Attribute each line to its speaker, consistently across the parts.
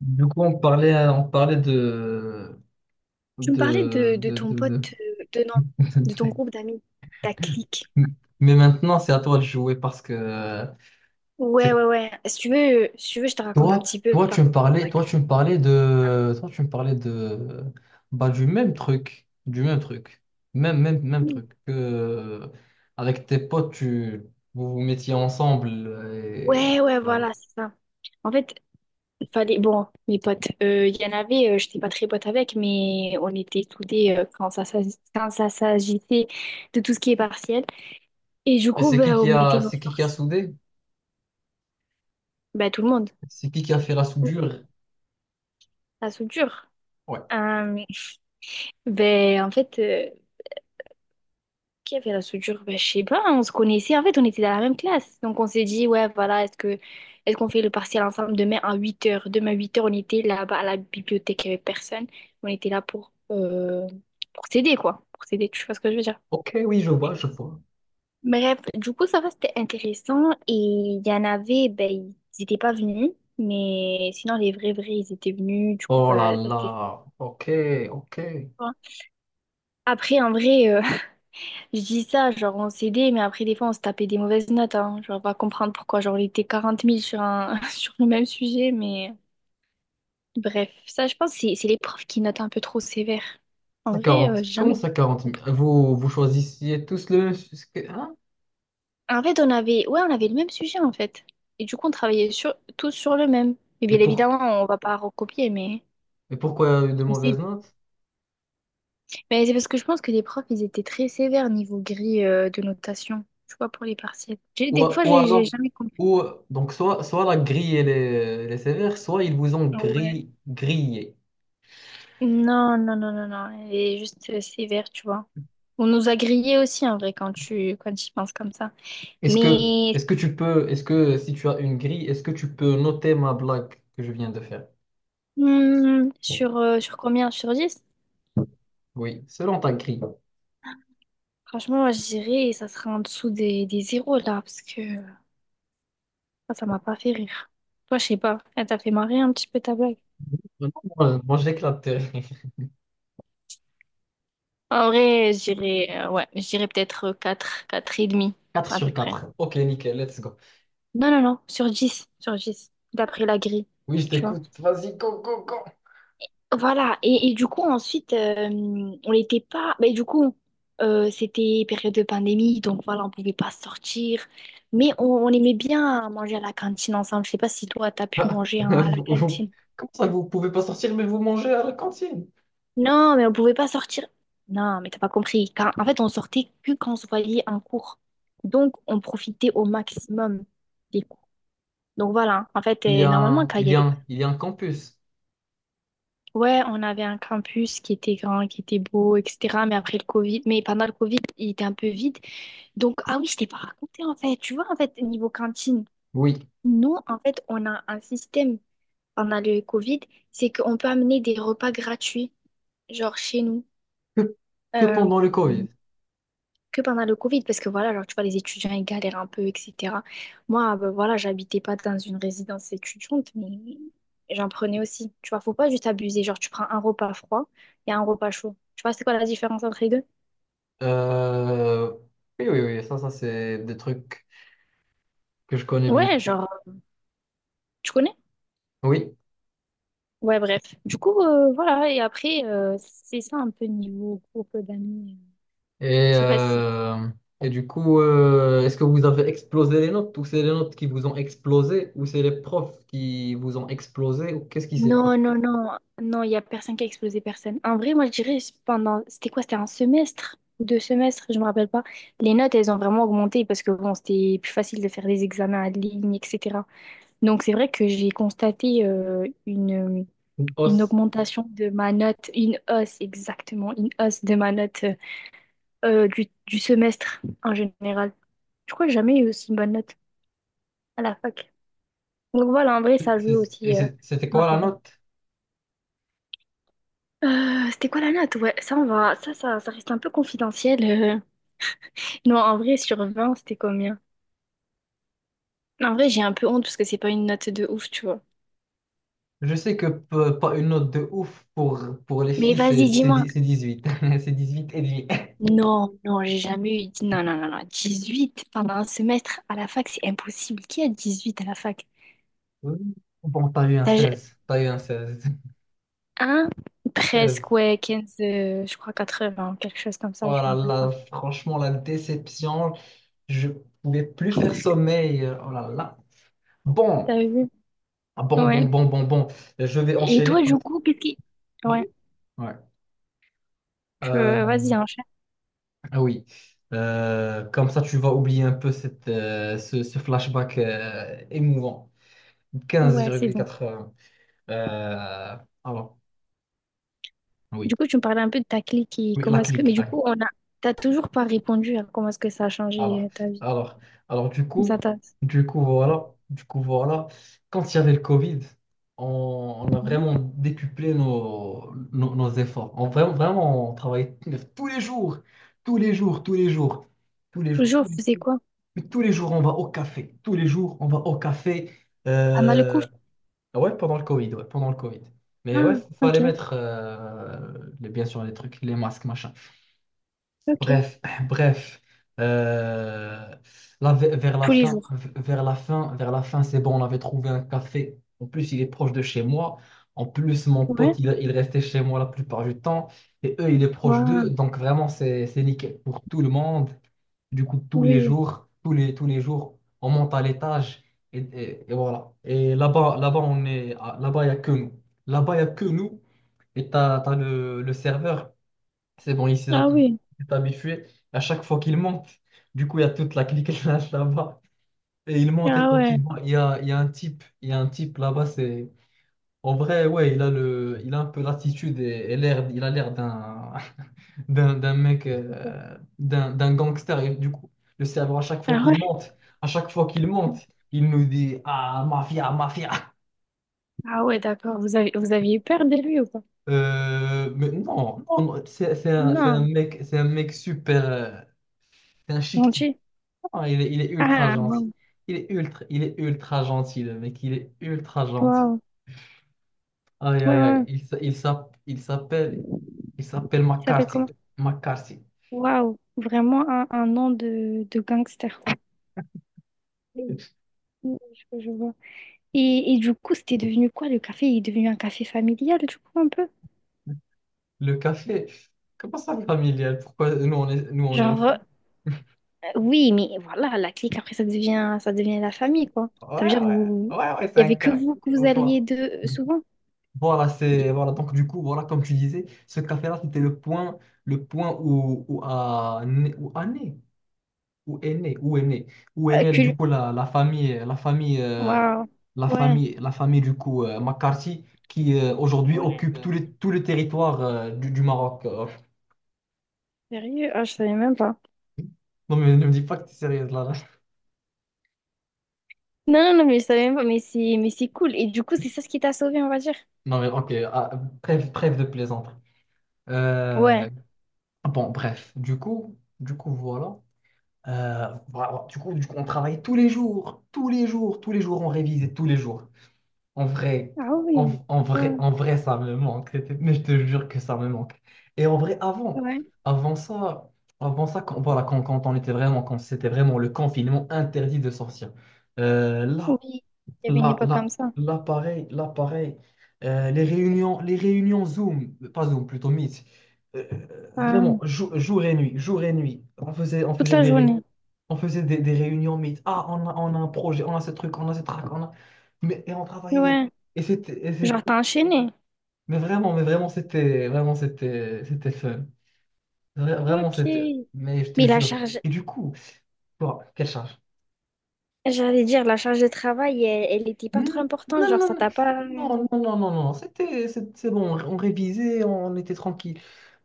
Speaker 1: Du coup, on parlait, on parlait
Speaker 2: Tu me parlais
Speaker 1: de,
Speaker 2: de
Speaker 1: de,
Speaker 2: ton
Speaker 1: de- de-
Speaker 2: pote, de non, de ton groupe d'amis, ta clique.
Speaker 1: de- Mais maintenant, c'est à toi de jouer parce que
Speaker 2: Ouais,
Speaker 1: c'est
Speaker 2: ouais, ouais. Si tu veux, je te raconte un
Speaker 1: toi,
Speaker 2: petit peu
Speaker 1: toi,
Speaker 2: par
Speaker 1: tu me parlais, toi, tu me parlais de, toi, tu me parlais de, bah, du même truc, même
Speaker 2: ouais,
Speaker 1: truc que avec tes potes, vous vous mettiez ensemble et
Speaker 2: ouais, ouais,
Speaker 1: voilà.
Speaker 2: voilà, c'est ça. En fait, il fallait. Bon, mes potes, il y en avait, j'étais pas très pote avec, mais on était soudés quand ça s'agissait de tout ce qui est partiel. Et du coup, ben, on mettait nos
Speaker 1: C'est qui a
Speaker 2: forces.
Speaker 1: soudé?
Speaker 2: Ben, tout le monde.
Speaker 1: C'est qui a fait la soudure?
Speaker 2: La soudure.
Speaker 1: Ouais.
Speaker 2: Euh, ben, en fait, qui avait la soudure? Ben, je sais pas, hein, on se connaissait. En fait, on était dans la même classe. Donc, on s'est dit, ouais, voilà, est-ce qu'on fait le partiel ensemble demain à 8h. Demain à 8h, on était là-bas à la bibliothèque, il n'y avait personne. On était là pour s'aider, quoi. Pour s'aider, tu vois ce que je veux dire?
Speaker 1: Ok, oui, je vois, je vois.
Speaker 2: Bref, du coup, ça va, c'était intéressant. Et il y en avait, ben, ils n'étaient pas venus. Mais sinon, les vrais, vrais, ils étaient venus. Du coup,
Speaker 1: Oh là
Speaker 2: ben, ça, c'était
Speaker 1: là, ok, ok.
Speaker 2: sympa. Après, en vrai, je dis ça, genre on s'aidait, mais après des fois on se tapait des mauvaises notes, hein. Genre on va comprendre pourquoi, genre on était 40 000 sur un... sur le même sujet, mais bref, ça je pense c'est les profs qui notent un peu trop sévère. En
Speaker 1: Ça
Speaker 2: vrai,
Speaker 1: quarante
Speaker 2: j'ai
Speaker 1: comment
Speaker 2: jamais...
Speaker 1: ça quarante 000? Vous, vous choisissiez tous le même sujet, hein?
Speaker 2: En fait on avait, ouais on avait le même sujet en fait, et du coup on travaillait sur... tous sur le même. Et
Speaker 1: Et,
Speaker 2: bien
Speaker 1: pour,
Speaker 2: évidemment on va pas recopier, mais
Speaker 1: et pourquoi il y a eu de
Speaker 2: on
Speaker 1: mauvaises
Speaker 2: s'aide.
Speaker 1: notes?
Speaker 2: Mais c'est parce que je pense que les profs ils étaient très sévères niveau grille de notation, tu vois pour les partiels.
Speaker 1: Ou,
Speaker 2: Des fois
Speaker 1: ou
Speaker 2: j'ai
Speaker 1: alors,
Speaker 2: jamais compris.
Speaker 1: ou, donc soit, la grille elle est sévère, soit ils vous ont
Speaker 2: Ouais.
Speaker 1: grillé.
Speaker 2: Non, non, non, non, non. Elle est juste sévère, tu vois. On nous a grillés aussi, en vrai, quand tu y penses comme ça.
Speaker 1: Est-ce que,
Speaker 2: Mais
Speaker 1: est-ce que tu peux, est-ce que si tu as une grille, est-ce que tu peux noter ma blague que je viens de faire?
Speaker 2: sur combien? Sur 10?
Speaker 1: Oui, selon ta grille.
Speaker 2: Franchement, moi, je dirais ça sera en dessous des zéros, là, parce que ça m'a pas fait rire. Toi, je sais pas. Elle t'a fait marrer un petit peu ta blague.
Speaker 1: Non, Moi j'éclate.
Speaker 2: En vrai, je dirais, ouais, je dirais peut-être quatre et demi,
Speaker 1: 4
Speaker 2: à
Speaker 1: sur
Speaker 2: peu près.
Speaker 1: quatre. Ok, nickel, let's go.
Speaker 2: Non, non, non, sur dix d'après la grille,
Speaker 1: Oui, je
Speaker 2: tu vois.
Speaker 1: t'écoute. Vas-y, go, go, go.
Speaker 2: Voilà, et du coup, ensuite, on n'était pas. Mais du coup, c'était période de pandémie, donc voilà, on pouvait pas sortir. Mais on aimait bien manger à la cantine ensemble. Je sais pas si toi, t'as pu
Speaker 1: Ah,
Speaker 2: manger hein, à la cantine.
Speaker 1: comment ça, vous pouvez pas sortir, mais vous mangez à la cantine?
Speaker 2: Non, mais on pouvait pas sortir. Non, mais t'as pas compris. En fait, on sortait que quand on se voyait en cours. Donc, on profitait au maximum des cours. Donc voilà, en fait,
Speaker 1: Il y a
Speaker 2: normalement,
Speaker 1: un,
Speaker 2: quand il
Speaker 1: il
Speaker 2: y
Speaker 1: y a
Speaker 2: avait pas
Speaker 1: un, il y a un campus.
Speaker 2: Ouais, on avait un campus qui était grand, qui était beau, etc. Mais après le Covid, mais pendant le Covid, il était un peu vide. Donc, ah oui, je t'ai pas raconté en fait. Tu vois, en fait, niveau cantine,
Speaker 1: Oui.
Speaker 2: nous, en fait, on a un système pendant le Covid, c'est qu'on peut amener des repas gratuits, genre chez nous.
Speaker 1: Que, que
Speaker 2: Euh,
Speaker 1: pendant le Covid.
Speaker 2: que pendant le Covid, parce que voilà, genre, tu vois, les étudiants, ils galèrent un peu, etc. Moi, ben, voilà, j'habitais pas dans une résidence étudiante, mais j'en prenais aussi. Tu vois, faut pas juste abuser. Genre, tu prends un repas froid et un repas chaud. Tu vois, c'est quoi la différence entre les deux?
Speaker 1: Euh, oui, oui, oui. C'est des trucs que je connais bien.
Speaker 2: Ouais, genre, tu connais?
Speaker 1: Oui.
Speaker 2: Ouais, bref. Du coup, voilà, et après, c'est ça un peu niveau groupe d'amis.
Speaker 1: Et,
Speaker 2: Je sais pas si
Speaker 1: euh, et du coup, est-ce que vous avez explosé les notes? Ou c'est les notes qui vous ont explosé? Ou c'est les profs qui vous ont explosé? Ou qu'est-ce qui s'est passé?
Speaker 2: Non, non, non, non, il n'y a personne qui a explosé personne. En vrai, moi, je dirais, c'est pendant, c'était quoi? C'était un semestre ou deux semestres, je me rappelle pas. Les notes, elles ont vraiment augmenté parce que bon, c'était plus facile de faire des examens en ligne, etc. Donc, c'est vrai que j'ai constaté une,
Speaker 1: Une
Speaker 2: une
Speaker 1: hausse.
Speaker 2: augmentation de ma note, une hausse, exactement, une hausse de ma note du semestre en général. Je crois que j'ai jamais eu aussi une bonne note à la fac. Donc, voilà, en vrai, ça joue aussi
Speaker 1: C'était
Speaker 2: ma
Speaker 1: quoi la
Speaker 2: faveur.
Speaker 1: note?
Speaker 2: C'était quoi la note? Ouais, ça, on va... ça reste un peu confidentiel. Non, en vrai, sur 20, c'était combien? En vrai, j'ai un peu honte parce que c'est pas une note de ouf, tu vois.
Speaker 1: Je sais que pas une note de ouf pour les
Speaker 2: Mais
Speaker 1: filles,
Speaker 2: vas-y,
Speaker 1: c'est c'est
Speaker 2: dis-moi.
Speaker 1: dix- c'est 18. C'est 18 et demi.
Speaker 2: Non, non, j'ai jamais eu dix-, non, non, non, non, huit pendant un semestre à la fac, c'est impossible. Qui a 18 à la fac?
Speaker 1: Oui. Bon, t'as eu un
Speaker 2: T'as ju-
Speaker 1: 16. T'as eu un 16.
Speaker 2: un?
Speaker 1: 16.
Speaker 2: Presque, ouais, 15 je crois 80 quelque chose comme
Speaker 1: Oh
Speaker 2: ça, je me
Speaker 1: là
Speaker 2: rappelle
Speaker 1: là,
Speaker 2: pas.
Speaker 1: franchement, la déception. Je pouvais plus faire sommeil. Oh là là.
Speaker 2: T'as
Speaker 1: Bon.
Speaker 2: vu?
Speaker 1: Ah, bon, bon,
Speaker 2: Ouais.
Speaker 1: bon, bon, bon. Je vais
Speaker 2: Et
Speaker 1: enchaîner.
Speaker 2: toi, du coup, qu'est-ce qui.
Speaker 1: Oui.
Speaker 2: Ouais,
Speaker 1: Ouais.
Speaker 2: tu...
Speaker 1: Euh,
Speaker 2: vas-y, enchaîne.
Speaker 1: ah oui. Comme ça, tu vas oublier un peu ce flashback émouvant.
Speaker 2: Ouais, c'est bon.
Speaker 1: 15,80. Euh, alors,
Speaker 2: Du
Speaker 1: oui,
Speaker 2: coup, tu me parlais un peu de ta clique et
Speaker 1: oui,
Speaker 2: comment
Speaker 1: la
Speaker 2: est-ce que... Mais
Speaker 1: clique,
Speaker 2: du
Speaker 1: la clique.
Speaker 2: coup, on a... t'as toujours pas répondu à comment est-ce que ça a changé
Speaker 1: Alors,
Speaker 2: ta vie.
Speaker 1: alors, alors, du
Speaker 2: Ça
Speaker 1: coup,
Speaker 2: t'a...
Speaker 1: du coup, voilà, du coup, voilà, quand il y avait le Covid, on a
Speaker 2: Ouais.
Speaker 1: vraiment décuplé nos efforts. On, vraiment, vraiment, on travaillait tous les jours, tous les jours, tous les jours, tous les jours,
Speaker 2: Toujours, vous faisiez quoi?
Speaker 1: mais tous les jours, on va au café. Tous les jours, on va au café.
Speaker 2: Ah, mal le coup?
Speaker 1: Euh, ouais, pendant le Covid, ouais, pendant le Covid. Mais
Speaker 2: Ah,
Speaker 1: ouais, fallait
Speaker 2: ok,
Speaker 1: mettre, bien sûr, les trucs, les masques, machin.
Speaker 2: ok.
Speaker 1: Bref, bref, euh, là, vers la
Speaker 2: Tous les
Speaker 1: fin,
Speaker 2: jours.
Speaker 1: vers la fin, vers la fin, c'est bon, on avait trouvé un café. En plus, il est proche de chez moi. En plus, mon
Speaker 2: Ouais.
Speaker 1: pote, il restait chez moi la plupart du temps. Et eux, il est proche d'eux.
Speaker 2: Waouh.
Speaker 1: Donc, vraiment, c'est nickel pour tout le monde. Du coup, tous les
Speaker 2: Oui.
Speaker 1: jours, tous les jours, on monte à l'étage. Et voilà. Et là-bas, là-bas, là-bas, il n'y a que nous. Là-bas, il n'y a que nous. Et t'as le serveur. C'est bon, il s'est
Speaker 2: Ah oui.
Speaker 1: il s'est habitué à chaque fois qu'il monte. Du coup, il y a toute la clique là-bas. Et il monte et
Speaker 2: Ah
Speaker 1: quand
Speaker 2: ouais.
Speaker 1: il voit, il y a un type, il y a un type là-bas, c'est. En vrai, ouais, il a un peu l'attitude et l'air, il a l'air d'un d'un mec,
Speaker 2: D'accord.
Speaker 1: d'un gangster. Et du coup, le cerveau, à chaque fois
Speaker 2: Ah
Speaker 1: qu'il
Speaker 2: ouais.
Speaker 1: monte, à chaque fois qu'il monte, il nous dit, ah, mafia, mafia.
Speaker 2: Ah ouais, d'accord. Vous avez... vous aviez eu peur de lui ou pas?
Speaker 1: Mais non, non, non,
Speaker 2: Non.
Speaker 1: c'est un mec super, c'est un chic type.
Speaker 2: Gentil.
Speaker 1: Ah, il est ultra
Speaker 2: Ah,
Speaker 1: gentil.
Speaker 2: waouh.
Speaker 1: Il est ultra gentil, le mec. Il est ultra gentil.
Speaker 2: Waouh.
Speaker 1: Aïe,
Speaker 2: Ouais,
Speaker 1: aïe, aïe.
Speaker 2: ouais.
Speaker 1: Il s'appelle
Speaker 2: Il s'appelle comment?
Speaker 1: McCarthy. McCarthy.
Speaker 2: Waouh. Vraiment un nom de gangster, quoi. Oui, je vois. Et du coup, c'était devenu quoi le café? Il est devenu un café familial, du coup, un peu?
Speaker 1: Le café, comment ça familial? Pourquoi nous on est une
Speaker 2: Genre,
Speaker 1: famille?
Speaker 2: oui, mais voilà, la clique, après, ça devient la famille, quoi. Ça veut
Speaker 1: Ouais,
Speaker 2: dire que
Speaker 1: ouais,
Speaker 2: vous,
Speaker 1: ouais, ouais, c'est
Speaker 2: il y
Speaker 1: un
Speaker 2: avait
Speaker 1: cas
Speaker 2: que
Speaker 1: au
Speaker 2: vous alliez
Speaker 1: Voilà,
Speaker 2: de souvent.
Speaker 1: Voilà, c'est, voilà, donc du coup, voilà, comme tu disais, ce café-là, c'était le point, où, a né, où a né. Où est né? Où est né? Où est née, du
Speaker 2: Que...
Speaker 1: coup, la famille, la famille,
Speaker 2: Waouh.
Speaker 1: la
Speaker 2: Ouais,
Speaker 1: famille, la famille, du coup, McCarthy, qui aujourd'hui occupe
Speaker 2: ouais.
Speaker 1: tout le territoire du Maroc.
Speaker 2: Sérieux? Ah, je savais même pas.
Speaker 1: Non, mais ne me dis pas que tu es sérieuse là.
Speaker 2: Non, non, non, mais je savais même pas, mais c'est cool. Et du coup, c'est ça ce qui t'a sauvé, on va dire.
Speaker 1: Non, mais ok, ah, bref de plaisanter.
Speaker 2: Ouais.
Speaker 1: Euh, bon, bref, du coup, voilà. Voilà, du coup, on travaillait tous les jours, tous les jours, tous les jours, on révisait tous les jours. En vrai,
Speaker 2: Ah oui. Ouais,
Speaker 1: En vrai, ça me manque. Mais je te jure que ça me manque. Et en vrai,
Speaker 2: ouais.
Speaker 1: avant ça, avant ça, quand on était vraiment, quand c'était vraiment le confinement interdit de sortir.
Speaker 2: Oui.
Speaker 1: Là,
Speaker 2: Il y avait une
Speaker 1: la-
Speaker 2: époque comme
Speaker 1: la-
Speaker 2: ça.
Speaker 1: l'appareil, l'appareil, les réunions, Zoom, pas Zoom, plutôt Meet. Euh,
Speaker 2: Ah,
Speaker 1: Vraiment, jour et nuit,
Speaker 2: toute la journée.
Speaker 1: on faisait des réunions Meet. Ah, on a un projet, on a ce truc, on a ce trac, on a. Mais, et on travaillait.
Speaker 2: Ouais.
Speaker 1: Et c'était, et c'est-
Speaker 2: Genre, t'as enchaîné.
Speaker 1: mais vraiment, mais vraiment, c'était, vraiment, c'était fun. Vraiment,
Speaker 2: Ok.
Speaker 1: c'était, mais je te
Speaker 2: Mais la
Speaker 1: jure.
Speaker 2: charge,
Speaker 1: Et du coup, bon, quelle charge?
Speaker 2: j'allais dire, la charge de travail, elle, elle était pas
Speaker 1: Hmm,
Speaker 2: trop importante,
Speaker 1: non,
Speaker 2: genre
Speaker 1: non,
Speaker 2: ça t'a pas...
Speaker 1: non, non, non, non, non, non, c'est bon, on révisait, on était tranquille.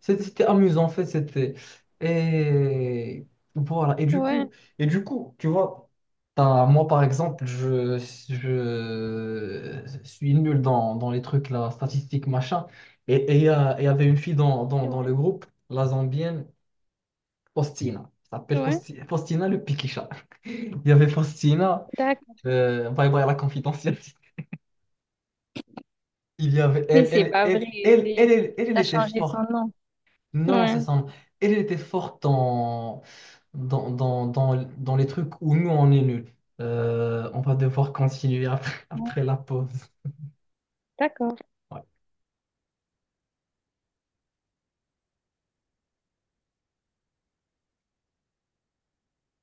Speaker 1: C'était amusant, en fait, c'était. Et voilà,
Speaker 2: Ouais,
Speaker 1: et du coup, tu vois, moi, par exemple, je suis nul dans les trucs, là, statistiques, machin. Il y avait une fille dans
Speaker 2: ouais,
Speaker 1: le groupe, la Zambienne, Faustina. Elle s'appelle
Speaker 2: ouais.
Speaker 1: Faustina le Pikicha. Il y avait Faustina,
Speaker 2: D'accord.
Speaker 1: bye bye la confidentielle.
Speaker 2: Mais
Speaker 1: Elle,
Speaker 2: c'est
Speaker 1: elle,
Speaker 2: pas vrai,
Speaker 1: elle, elle, elle,
Speaker 2: c'est...
Speaker 1: elle, elle, elle
Speaker 2: T'as
Speaker 1: était
Speaker 2: changé son
Speaker 1: forte.
Speaker 2: nom.
Speaker 1: Non,
Speaker 2: Ouais.
Speaker 1: c'est ça. Elle était forte dans les trucs où nous, on est nuls. On va devoir continuer après,
Speaker 2: Ouais.
Speaker 1: après la pause.
Speaker 2: D'accord.